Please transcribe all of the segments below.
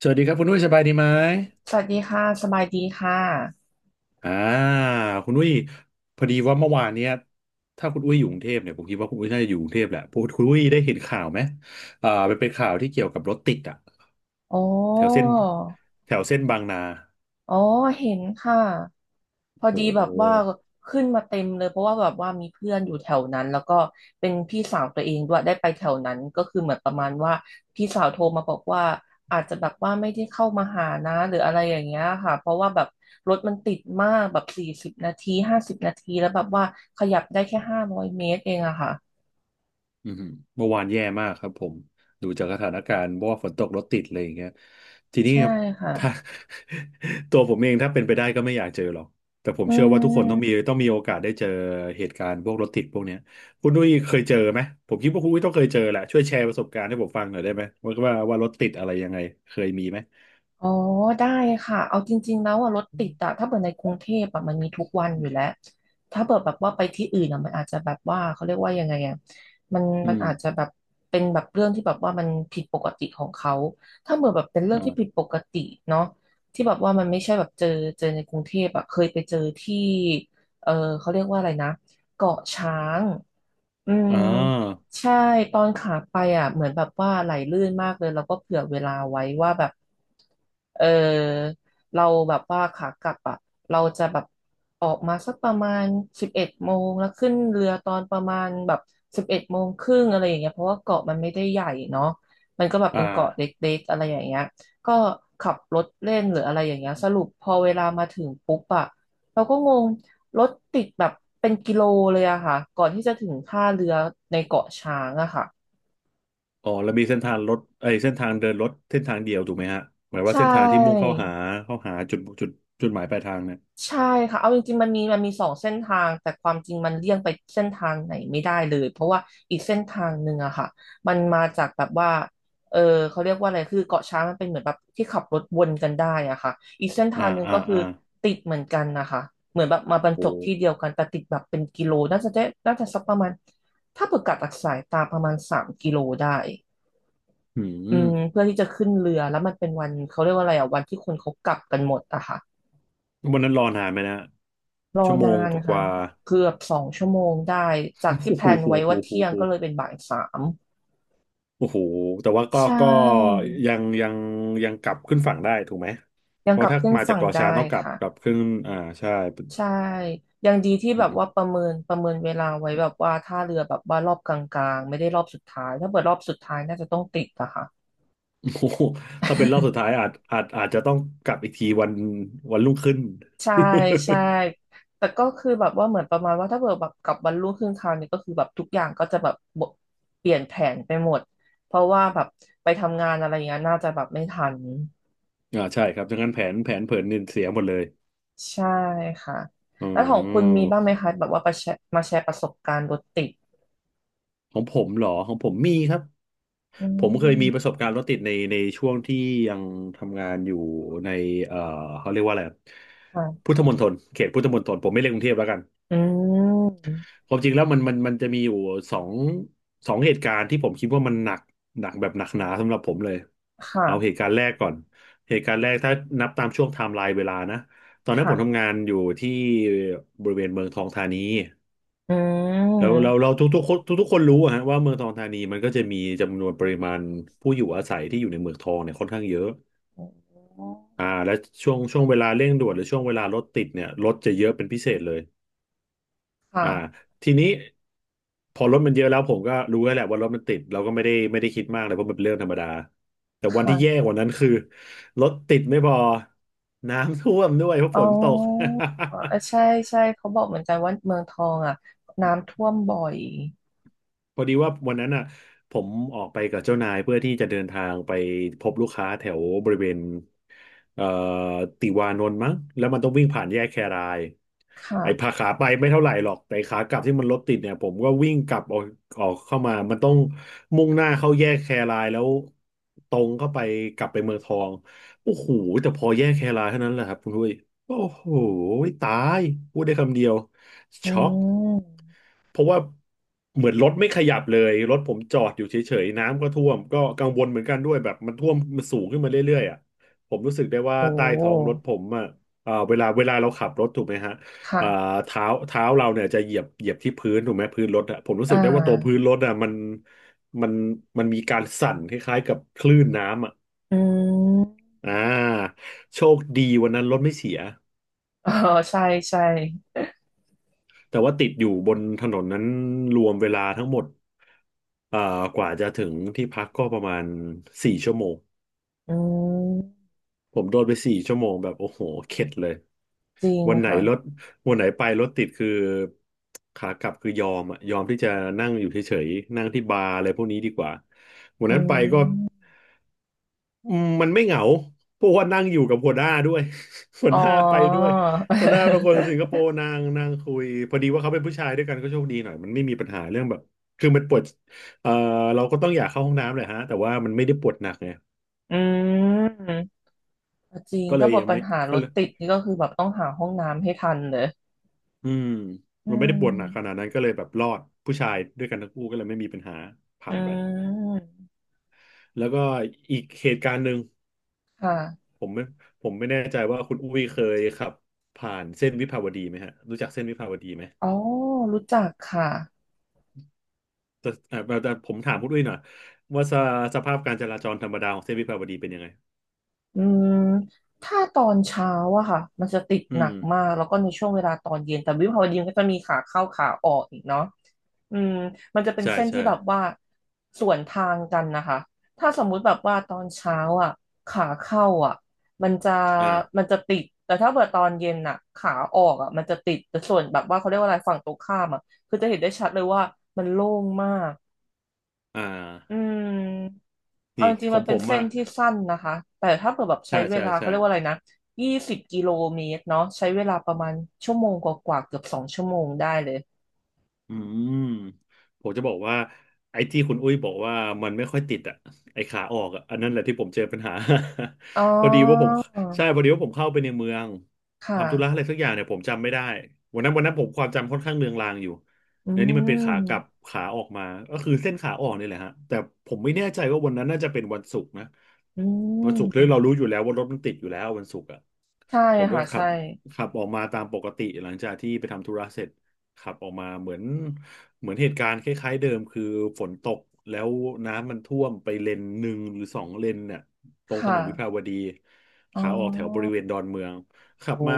สวัสดีครับคุณนุ้ยสบายดีไหมสวัสดีค่ะสบายดีค่ะอ่าคุณนุ้ยพอดีว่าเมื่อวานเนี้ยถ้าคุณอุ้ยอยู่กรุงเทพเนี่ยผมคิดว่าคุณอุ้ยน่าจะอยู่กรุงเทพแหละพวกคุณอุ้ยได้เห็นข่าวไหมมันเป็นข่าวที่เกี่ยวกับรถติดอ่ะอ๋อแถวเส้นแถวเส้นบางนา อ๋อเห็นค่ะพอดีโอ้แบบว่าโห ขึ้นมาเต็มเลยเพราะว่าแบบว่ามีเพื่อนอยู่แถวนั้นแล้วก็เป็นพี่สาวตัวเองด้วยได้ไปแถวนั้นก็คือเหมือนประมาณว่าพี่สาวโทรมาบอกว่าอาจจะแบบว่าไม่ได้เข้ามาหานะหรืออะไรอย่างเงี้ยค่ะเพราะว่าแบบรถมันติดมากแบบ40 นาที50 นาทีแล้วแบบว่าขยับได้แค่500 เมตรเองอะค่ะอืมเมื่อวานแย่มากครับผมดูจากสถานการณ์เพราะว่าฝนตกรถติดอะไรอย่างเงี้ยทีนี้ใช่ครับค่ะถ้า ตัวผมเองถ้าเป็นไปได้ก็ไม่อยากเจอหรอกแต่ผมอืเชื่อว่าทุกคนต้องมีม ต้องมีโอกาสได้เจอเหตุการณ์พวกรถติดพวกเนี้ยคุณดุ้ยเคยเจอไหมผมคิดว่าคุณดุ้ยต้องเคยเจอแหละช่วยแชร์ประสบการณ์ให้ผมฟังหน่อยได้ไหมว่ารถติดอะไรยังไงเคยมีไหมอ๋อได้ค่ะเอาจริงๆแล้วอะรถติดอะถ้าเปิดในกรุงเทพอะมันมีทุกวันอยู่แล้วถ้าเปิดแบบว่าไปที่อื่นอะมันอาจจะแบบว่าเขาเรียกว่ายังไงอะมันอืมันมอาจจะแบบเป็นแบบเรื่องที่แบบว่ามันผิดปกติของเขาถ้าเปิดแบบเป็นเรื่องที่ผิดอ่าปกติเนาะที่แบบว่ามันไม่ใช่แบบเจอเจอในกรุงเทพอะเคยไปเจอที่เออเขาเรียกว่าอะไรนะเกาะช้างอืม อ่าใช่ตอนขาไปอ่ะเหมือนแบบว่าไหลลื่นมากเลยแล้วก็เผื่อเวลาไว้ว่าแบบเออเราแบบว่าขากลับอ่ะเราจะแบบออกมาสักประมาณสิบเอ็ดโมงแล้วขึ้นเรือตอนประมาณแบบ11 โมงครึ่งอะไรอย่างเงี้ยเพราะว่าเกาะมันไม่ได้ใหญ่เนาะมันก็แบบอ่เป็นเกาะา เล็กๆอะไรอย่างเงี้ยก็ขับรถเล่นหรืออะไรอย่างเงี้ยสรุปพอเวลามาถึงปุ๊บอ่ะ เราก็งงรถติดแบบเป็นกิโลเลยอะค่ะ ก่อนที่จะถึงท่าเรือในเกาะช้างอะค่ะ อ๋อแล้วมีเส้นทางรถไอ้ยเส้นทางเดินรถเส้นทางเดียวถูกไหมฮะหมายว่าใช่ เส้นทางที่มุ่งเข้าหาเข้าหาจุดจุดหมายปลายทางเนี่ยใช่ค่ะเอาจริงๆมันมีมันมีสองเส้นทางแต่ความจริงมันเลี่ยงไปเส้นทางไหนไม่ได้เลยเพราะว่าอีกเส้นทางหนึ่งอะค่ะมันมาจากแบบว่าเออเขาเรียกว่าอะไรคือเกาะช้างมันเป็นเหมือนแบบที่ขับรถวนกันได้อะค่ะอีกเส้นอ่าทางหนึ่งอ่าก็คืออ่าติดเหมือนกันนะคะเหมือนแบบมาบรรจโอ้บที่เดียวกันแต่ติดแบบเป็นกิโลน่าจะได้น่าจะสักประมาณถ้าเปิดกัดจากสายตาประมาณ3 กิโลได้หือืมมเพื่อที่จะขึ้นเรือแล้วมันเป็นวันเขาเรียกว่าอะไรอะวันที่คนเขากลับกันหมดอะค่ะ วันนั้นรอนานไหมนะรอชั่วโมนางนกค่ะว่าๆ เกือบ2 ชั่วโมงได้จาก ที่โอ้แพโหลนโอไว้ว่า้โหเที่ยงโหก็เลยเป็นบ่าย 3โอ้โหแต่ว่าก็ใช่ก็ยังยังกลับขึ้นฝั่งได้ถูกไหมยัเพงกราะลับถ้าขึ้นมาจากฝั่งเกาะช้างได้ต้องกลับค่ะกลับขึ้นอ่าใช่ใช่ยังดีที่แบบว่าโอ้ประเมินเวลาไว้แบบว่าท่าเรือแบบว่ารอบกลางๆไม่ได้รอบสุดท้ายถ้าเปิดรอบสุดท้ายน่าจะต้องติดอะค่ะ โหถ้าเป็นรอบสุดท้าย อาจจะต้องกลับอีกทีวันรุ่งขึ้น ใช่ใช่แต่ก็คือแบบว่าเหมือนประมาณว่าถ้าเกิดแบบกลับวันรุ่งขึ้นคราวนี้ก็คือแบบทุกอย่างก็จะแบบเปลี่ยนแผนไปหมดเพราะว่าแบบไปทำงานอะไรอย่างเงี้ยน่าจะแบบไม่ทัน อ่าใช่ครับดังนั้นแผนเผินนินเสียหมดเลยใช่ค่ะอ๋แล้วของคุณอมีบ้างไหมคะแบบว่าประแชร์มาแชร์ประสบการณ์รถติดของผมเหรอของผมมีครับ อืผมเคยมีปมระสบการณ์รถติดในช่วงที่ยังทำงานอยู่ในเอ่อเขาเรียกว่าอะไรอะพุค่ะทธมณฑลเขตพุทธมณฑลผมไม่เรียกกรุงเทพแล้วกันอืมความจริงแล้วมันจะมีอยู่สองเหตุการณ์ที่ผมคิดว่ามันหนักหนักแบบหนักหนาสำหรับผมเลยคเอาเหตุ่ะการณ์แรกก่อนเหตุการณ์แรกถ้านับตามช่วงไทม์ไลน์เวลานะตอนนั้นผค่ะมทำงานอยู่ที่บริเวณเมืองทองธานี อืแล้วเรามเราทุกๆคนทุกๆคนรู้อะฮะว่าเมืองทองธานีมันก็จะมีจำนวนปริมาณผู้อยู่อาศัยที่อยู่ในเมืองทองเนี่ยค่อนข้างเยอะอ๋ออ่าและช่วงเวลาเร่งด่วนหรือช่วงเวลารถติดเนี่ยรถจะเยอะเป็นพิเศษเลยค่ะอ่าทีนี้พอรถมันเยอะแล้วผมก็รู้แล้วแหละว่ารถมันติดเราก็ไม่ได้คิดมากเลยเพราะมันเป็นเรื่องธรรมดาแต่วันที่แย่ค่ะกว่านั้นคือรถติดไม่พอน้ำท่วมด้วยเพราะอ๋ฝอนตก เออใช่ใช่เขาบอกเหมือนกันว่าเมืองทองอ่ะน้ำท่วมบ่อยพอดีว่าวันนั้นอ่ะผมออกไปกับเจ้านายเพื่อที่จะเดินทางไปพบลูกค้าแถวบริเวณเอ่อติวานนท์มั้งแล้วมันต้องวิ่งผ่านแยกแครายไอ้พาค่ะขาไปไม่เท่าไหร่หรอกแต่ขากลับที่มันรถติดเนี่ยผมก็วิ่งกลับออกออกเข้ามามันต้องมุ่งหน้าเข้าแยกแครายแล้วตรงเข้าไปกลับไปเมืองทองโอ้โหแต่พอแยกแครายเท่านั้นแหละครับคุณด้วยโอ้โหตายพูดได้คำเดียว อืช็อกมเพราะว่าเหมือนรถไม่ขยับเลยรถผมจอดอยู่เฉยๆน้ำก็ท่วมก็กังวลเหมือนกันด้วยแบบมันท่วมมันสูงขึ้นมาเรื่อยๆอ่ะผมรู้สึกได้ว่าโอ้ใต้ท้องรถผมอ่ะอ่าเวลาเราขับรถถูกไหมฮะอ่าค่ะเท้าเราเนี่ยจะเหยียบที่พื้นถูกไหมพื้นรถอ่ะผมรู้อ่สึกได้ว่าตัวพื้นารถอ่ะมันมันมีการสั่นคล้ายๆกับคลื่นน้ำอ่ะอืมอ่าโชคดีวันนั้นรถไม่เสีย อ๋อใช่ใช่แต่ว่าติดอยู่บนถนนนั้นรวมเวลาทั้งหมดเอ่อกว่าจะถึงที่พักก็ประมาณสี่ชั่วโมงอืมผมโดนไปสี่ชั่วโมงแบบโอ้โหเข็ดเลยจริงวันไหนรถค่ะวันไหนไปรถติดคือขากลับคือยอมอะยอมที่จะนั่งอยู่เฉยๆนั่งที่บาร์อะไรพวกนี้ดีกว่าวันอืนั้นไปก็ ม อืมมันไม่เหงาเพราะว่านั่งอยู่กับหัวหน้าด้วย หัวอ๋อ หน้าไปด้วย หัวหน้าเป็นคนสิงคโปร์นางคุยพอดีว่าเขาเป็นผู้ชายด้วยกันก็โชคดีหน่อย มันไม่มีปัญหาเรื่องแบบคือมันปวดเอ่อเราก็ต้องอยากเข้าห้องน้ำแหละฮะแต่ว่ามันไม่ได้ปวดหนักไงอืมจริง ก็เลถ้ายบทยังปัไม่ญหารก็ถเลยติดนี่ก็คือแบบต้องหาห้องน้ำให้ทันเลยอืมอืมันไม่ได้ปวดหนักขนามดนั้นก็เลยแบบรอดผู้ชายด้วยกันทั้งคู่ก็เลยไม่มีปัญหาอืผ่านไปมแล้วก็อีกเหตุการณ์หนึ่งค่ะผมไม่ผมไม่แน่ใจว่าคุณอุ้ยเคยขับผ่านเส้นวิภาวดีไหมฮะรู้จักเส้นวิภาวดีไหม อ๋อ รู้จักค่ะแต่ผมถามคุณดุ้วยหน่อยว่าสภาพการจราจรธรรมดาของเส้นวิภาวดีเป็นยังไงอืมถ้าตอนเช้าอะค่ะ มันจะติดอืหนัมกมาก แล้วก็ในช่วงเวลาตอนเย็นแต่วิภาวดีมันก็จะมีขาเข้าขาออกอีกเนาะ อืมมันจะเป็นใช่เส้นใช่ที่แบบว่าสวนทางกันนะคะถ้าสมมุติแบบว่าตอนเช้าอ่ะขาเข้าอ่ะมันจะมัอ่านจะติดแต่ถ้าเกิดตอนเย็นอ่ะขาออกอ่ะมันจะติดแต่ส่วนแบบว่าเขาเรียกว่าอะไรฝั่งตรงข้ามอ่ะคือจะเห็นได้ชัดเลยว่ามันโล่งมากอ่อืามเอานี่จริงขๆอมังนผเป็นมเส้อ่ะนที่สั้นนะคะแต่ถ้าเกิดแบบใช้ใช่เวใช่ลาเขาใช่ เรียกว่าอะไรนะ20 กิโลเมตรเนาะใช้เวลาประมาณชั่วโมงกว่าๆเกือบสองชั่วโมงได้เลยอืมผมจะบอกว่าไอ้ที่คุณอุ้ยบอกว่ามันไม่ค่อยติดอ่ะไอ้ขาออกอ่ะอันนั้นแหละที่ผมเจอปัญหา อ๋อ พอดีว่าผมใช่พอดีว่าผมเข้าไปในเมืองค่ะ ทำธุระอะไรสักอย่างเนี่ยผมจำไม่ได้วันนั้นผมความจำค่อนข้างเลือนลางอยู่อืเนี่ยนี่มันเป็นขากลับมขาออกมาก็คือเส้นขาออกนี่แหละฮะแต่ผมไม่แน่ใจว่าวันนั้นน่าจะเป็นวันศุกร์นะอืวันศุกร์เลยเรามรู้อยู่แล้วว่ารถมันติดอยู่แล้ววันศุกร์อ่ะใช่ผมก็ค่ะขัใช่บขับออกมาตามปกติหลังจากที่ไปทำธุระเสร็จ ขับออกมาเหมือนเหตุการณ์คล้ายๆเดิมคือฝนตกแล้วน้ำมันท่วมไปเลนหนึ่งหรือ2 เลนเนี่ยตรคงถนนวิภา่ะวดีอ๋อขาออกแถวบริเวณดอนเมืองขับโอ้มา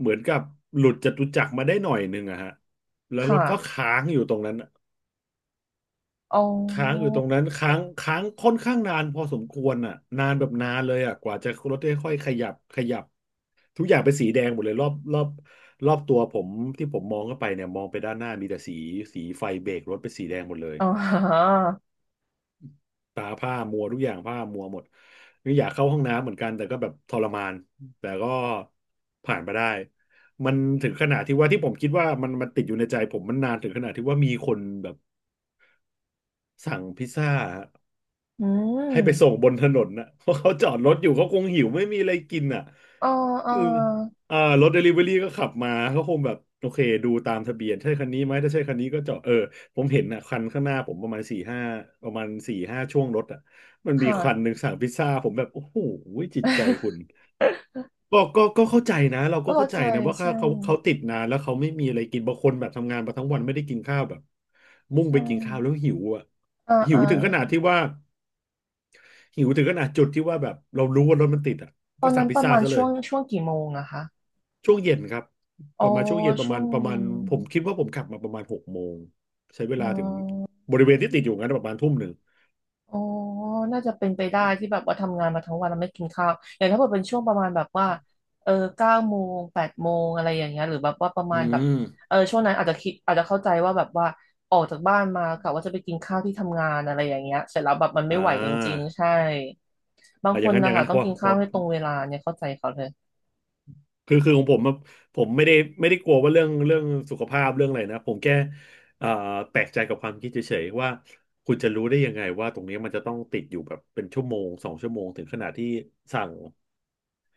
เหมือนกับหลุดจตุจักรมาได้หน่อยหนึ่งอะฮะแล้ควรถก็่ะค้างอยู่ตรงนั้น อ๋ค้างออยู่ตรงนั้นค้างค่อนข้างนานพอสมควรอ่ะนานแบบนานเลยอ่ะกว่าจะรถได้ค่อยขยับขยับทุกอย่างเป็นสีแดงหมดเลยรอบรอบรอบตัวผมที่ผมมองเข้าไปเนี่ยมองไปด้านหน้ามีแต่สีไฟเบรกรถเป็นสีแดงหมดเลยอ๋อตาผ้ามัวทุกอย่างผ้ามัวหมดนี่อยากเข้าห้องน้ำเหมือนกันแต่ก็แบบทรมานแต่ก็ผ่านไปได้มันถึงขนาดที่ว่าที่ผมคิดว่ามันติดอยู่ในใจผมมันนานถึงขนาดที่ว่ามีคนแบบสั่งพิซซ่า อืให้ไปส่งมบนถนนนะ เพราะเขาจอดรถอยู่เขาคงหิวไม่มีอะไรกินอ่ะอ๋ออ๋อเอออ่ารถเดลิเวอรี่ก็ขับมาเขาคงแบบโอเคดูตามทะเบียนใช่คันนี้ไหมถ้าใช่คันนี้ก็จอดเออผมเห็นอ่ะคันข้างหน้าผมประมาณสี่ห้าช่วงรถอ่ะมันมีคันค่ะหนึ่งสั่งพิซซ่าผมแบบโอ้โหจิตใจคุณก็เข้าใจนะเราก็เข้าเข้าใจใจนะว่าเขาใช่เขาเขาติดนานแล้วเขาไม่มีอะไรกินบางคนแบบทำงานมาทั้งวันไม่ได้กินข้าวแบบมุ่งใช่ไปกินข้าวแล้วหิวอ่ะอ่าหิอ่าวถึงขนาดที่ว่า หิวถึงขนาดจุดที่ว่าแบบเรารู้ว่ารถมันติดอ่ะตอก็นสั่นั้งนพิปซระซ่ามาณซะเลช่วยงช่วงกี่โมงอะคะช่วงเย็นครับอ๋ปอระมาณช่วงเย็นประช่มาวณงประเย็มาณนผมคิดว่าผมขับมาประมาณ6 โมงใช้เวอ๋อ ลาถึงบริเวณที่ติดอยู่งั้นประมาณ1 ทุ่มอ๋อน่าจะเป็นไปได้ที่แบบว่าทำงานมาทั้งวันแล้วไม่กินข้าวอย่างถ้าเกิดเป็นช่วงประมาณแบบว่าเออเก้าโมงแปดโมงอะไรอย่างเงี้ยหรือแบบว่าประอืมาณแบบมเออช่วงนั้นอาจจะคิดอาจจะเข้าใจว่าแบบว่าออกจากบ้านมากะว่าจะไปกินข้าวที่ทำงานอะไรอย่างเงี้ยเสร็จแล้วแบบมันไม่อ่ไหวจริงาๆใช่บางอ่ะคอย่างนนั้นอนะย่างคะนั้นต้พองอกินพข้าอวให้ตรงเวลาเนี่ยเข้าใจเขาเลยคือของผมอะผมไม่ได้ไม่ได้กลัวว่าเรื่องสุขภาพเรื่องอะไรนะผมแค่อ่าแปลกใจกับความคิดเฉยๆว่าคุณจะรู้ได้ยังไงว่าตรงนี้มันจะต้องติดอยู่แบบเป็นชั่วโมง2 ชั่วโมงถึงขนาดที่สั่ง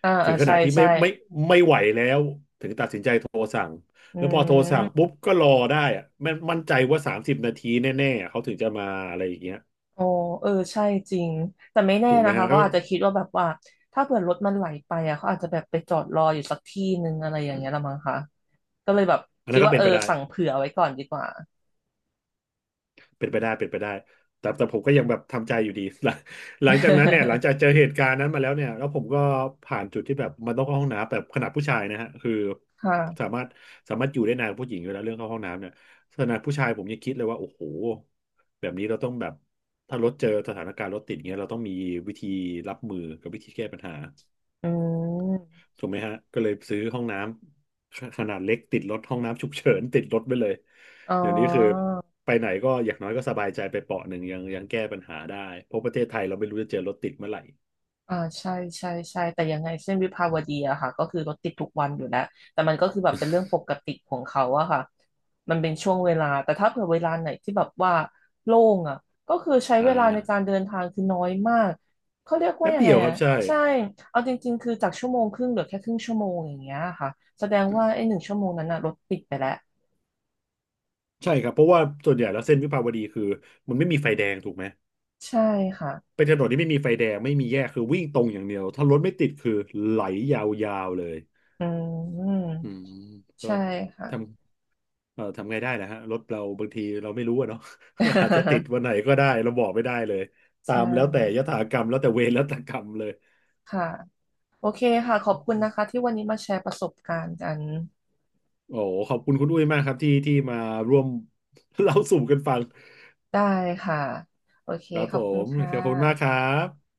อ่าถึอ่างขใช่นาดที่ใช่ไม่ไหวแล้ว อืแล้วพอโทรสั่งปุ๊ม บก็รอได้อะมันมั่นใจว่า30 นาทีแน่ๆเขาถึงจะมาอะไรอย่างเงี้ยอ๋อเออ ใช่จริง แต่ไม่แน่ถูกไหมนะคะ ฮะเขาก็อาจจะคิดว่าแบบว่า ถ้าเผื่อรถมันไหลไปอ่ะเขาอาจจะแบบไปจอดรออยู่สักที่นึงอะไรอย่างเงี้ยละมั้งคะก็เลยแบบอันคินั้ดนก็ว่าเป็เอนอไปได้ สั่งเผื่อไว้ก่อนดีกว่า เป็นไปได้เป็นไปได้แต่แต่ผมก็ยังแบบทำใจอยู่ดี หลังหลังจากนั้นเนี่ยหลังจากเจอเหตุการณ์นั้นมาแล้วเนี่ยแล้วผมก็ผ่านจุดที่แบบมันต้องเข้าห้องน้ำแบบขนาดผู้ชายนะฮะคือ สาค่ะมารถสามารถอยู่ได้นานกว่าผู้หญิงอยู่แล้วเรื่องเข้าห้องน้ำเนี่ยขนาดผู้ชายผมยังคิดเลยว่าโอ้โหแบบนี้เราต้องแบบถ้ารถเจอสถานการณ์รถติดเงี้ยเราต้องมีวิธีรับมือกับวิธีแก้ปัญหา อืม ถูกไหมฮะก็เลยซื้อห้องน้ำขนาดเล็กติดรถห้องน้ำฉุกเฉิน ติดรถไปเลยอ๋อ เดี๋ยวนี้คือไปไหนก็อย่างน้อยก็สบายใจไปเปาะหนึ่งยังแก้ปัญหาได้เพราะประเทศไทยเราไม่รู้จะเจอรถติดเมื่อไหร่อ่าใช่ใช่ใช่แต่ยังไงเส้นวิภาวดีอะค่ะก็คือรถติดทุกวันอยู่แล้วแต่มันก็คือแบบเป็นเรื่องปกติของเขาอะค่ะมันเป็นช่วงเวลาแต่ถ้าเผื่อเวลาไหนที่แบบว่าโล่งอะก็คือใช้อ่าเวลาในการเดินทางคือน้อยมากเขาเรียกว่าแป๊บยังเดีไงยวคอะรับใช่ใช่เอาจริงๆคือจากชั่วโมงครึ่งเหลือแค่ครึ่งชั่วโมงอย่างเงี้ยค่ะแสดงว่าไอ้1 ชั่วโมงนั้นอะรถติดไปแล้วใช่ครับเพราะว่าส่วนใหญ่แล้วเส้นวิภาวดีคือมันไม่มีไฟแดงถูกไหมใช่ค่ะเป็นถนนที่ไม่มีไฟแดงไม่มีแยกคือวิ่งตรงอย่างเดียวถ้ารถไม่ติดคือไหลยาวๆเลยอืมอืมก็ใช่ค่ะ ทำ เออทำไงได้นะฮะรถเราบางทีเราไม่รู้อะเนาะ อาจจะติดวันไหน ก็ได้เราบอกไม่ได้เลยตาใชมแล้วแต่่ยถากรรมแล้วแต่เวรแล้วแต่กรรมเลยค่ะ โอเคค่ะขอบคุณนะคะที่วันนี้มาแชร์ประสบการณ์กันโอ้โหขอบคุณคุณอุ้ยมากครับที่มาร่วม เล่าสู่กันฟังได้ค่ะโอเคครับขผอบคุณมค่ะขอบคุณมากครับ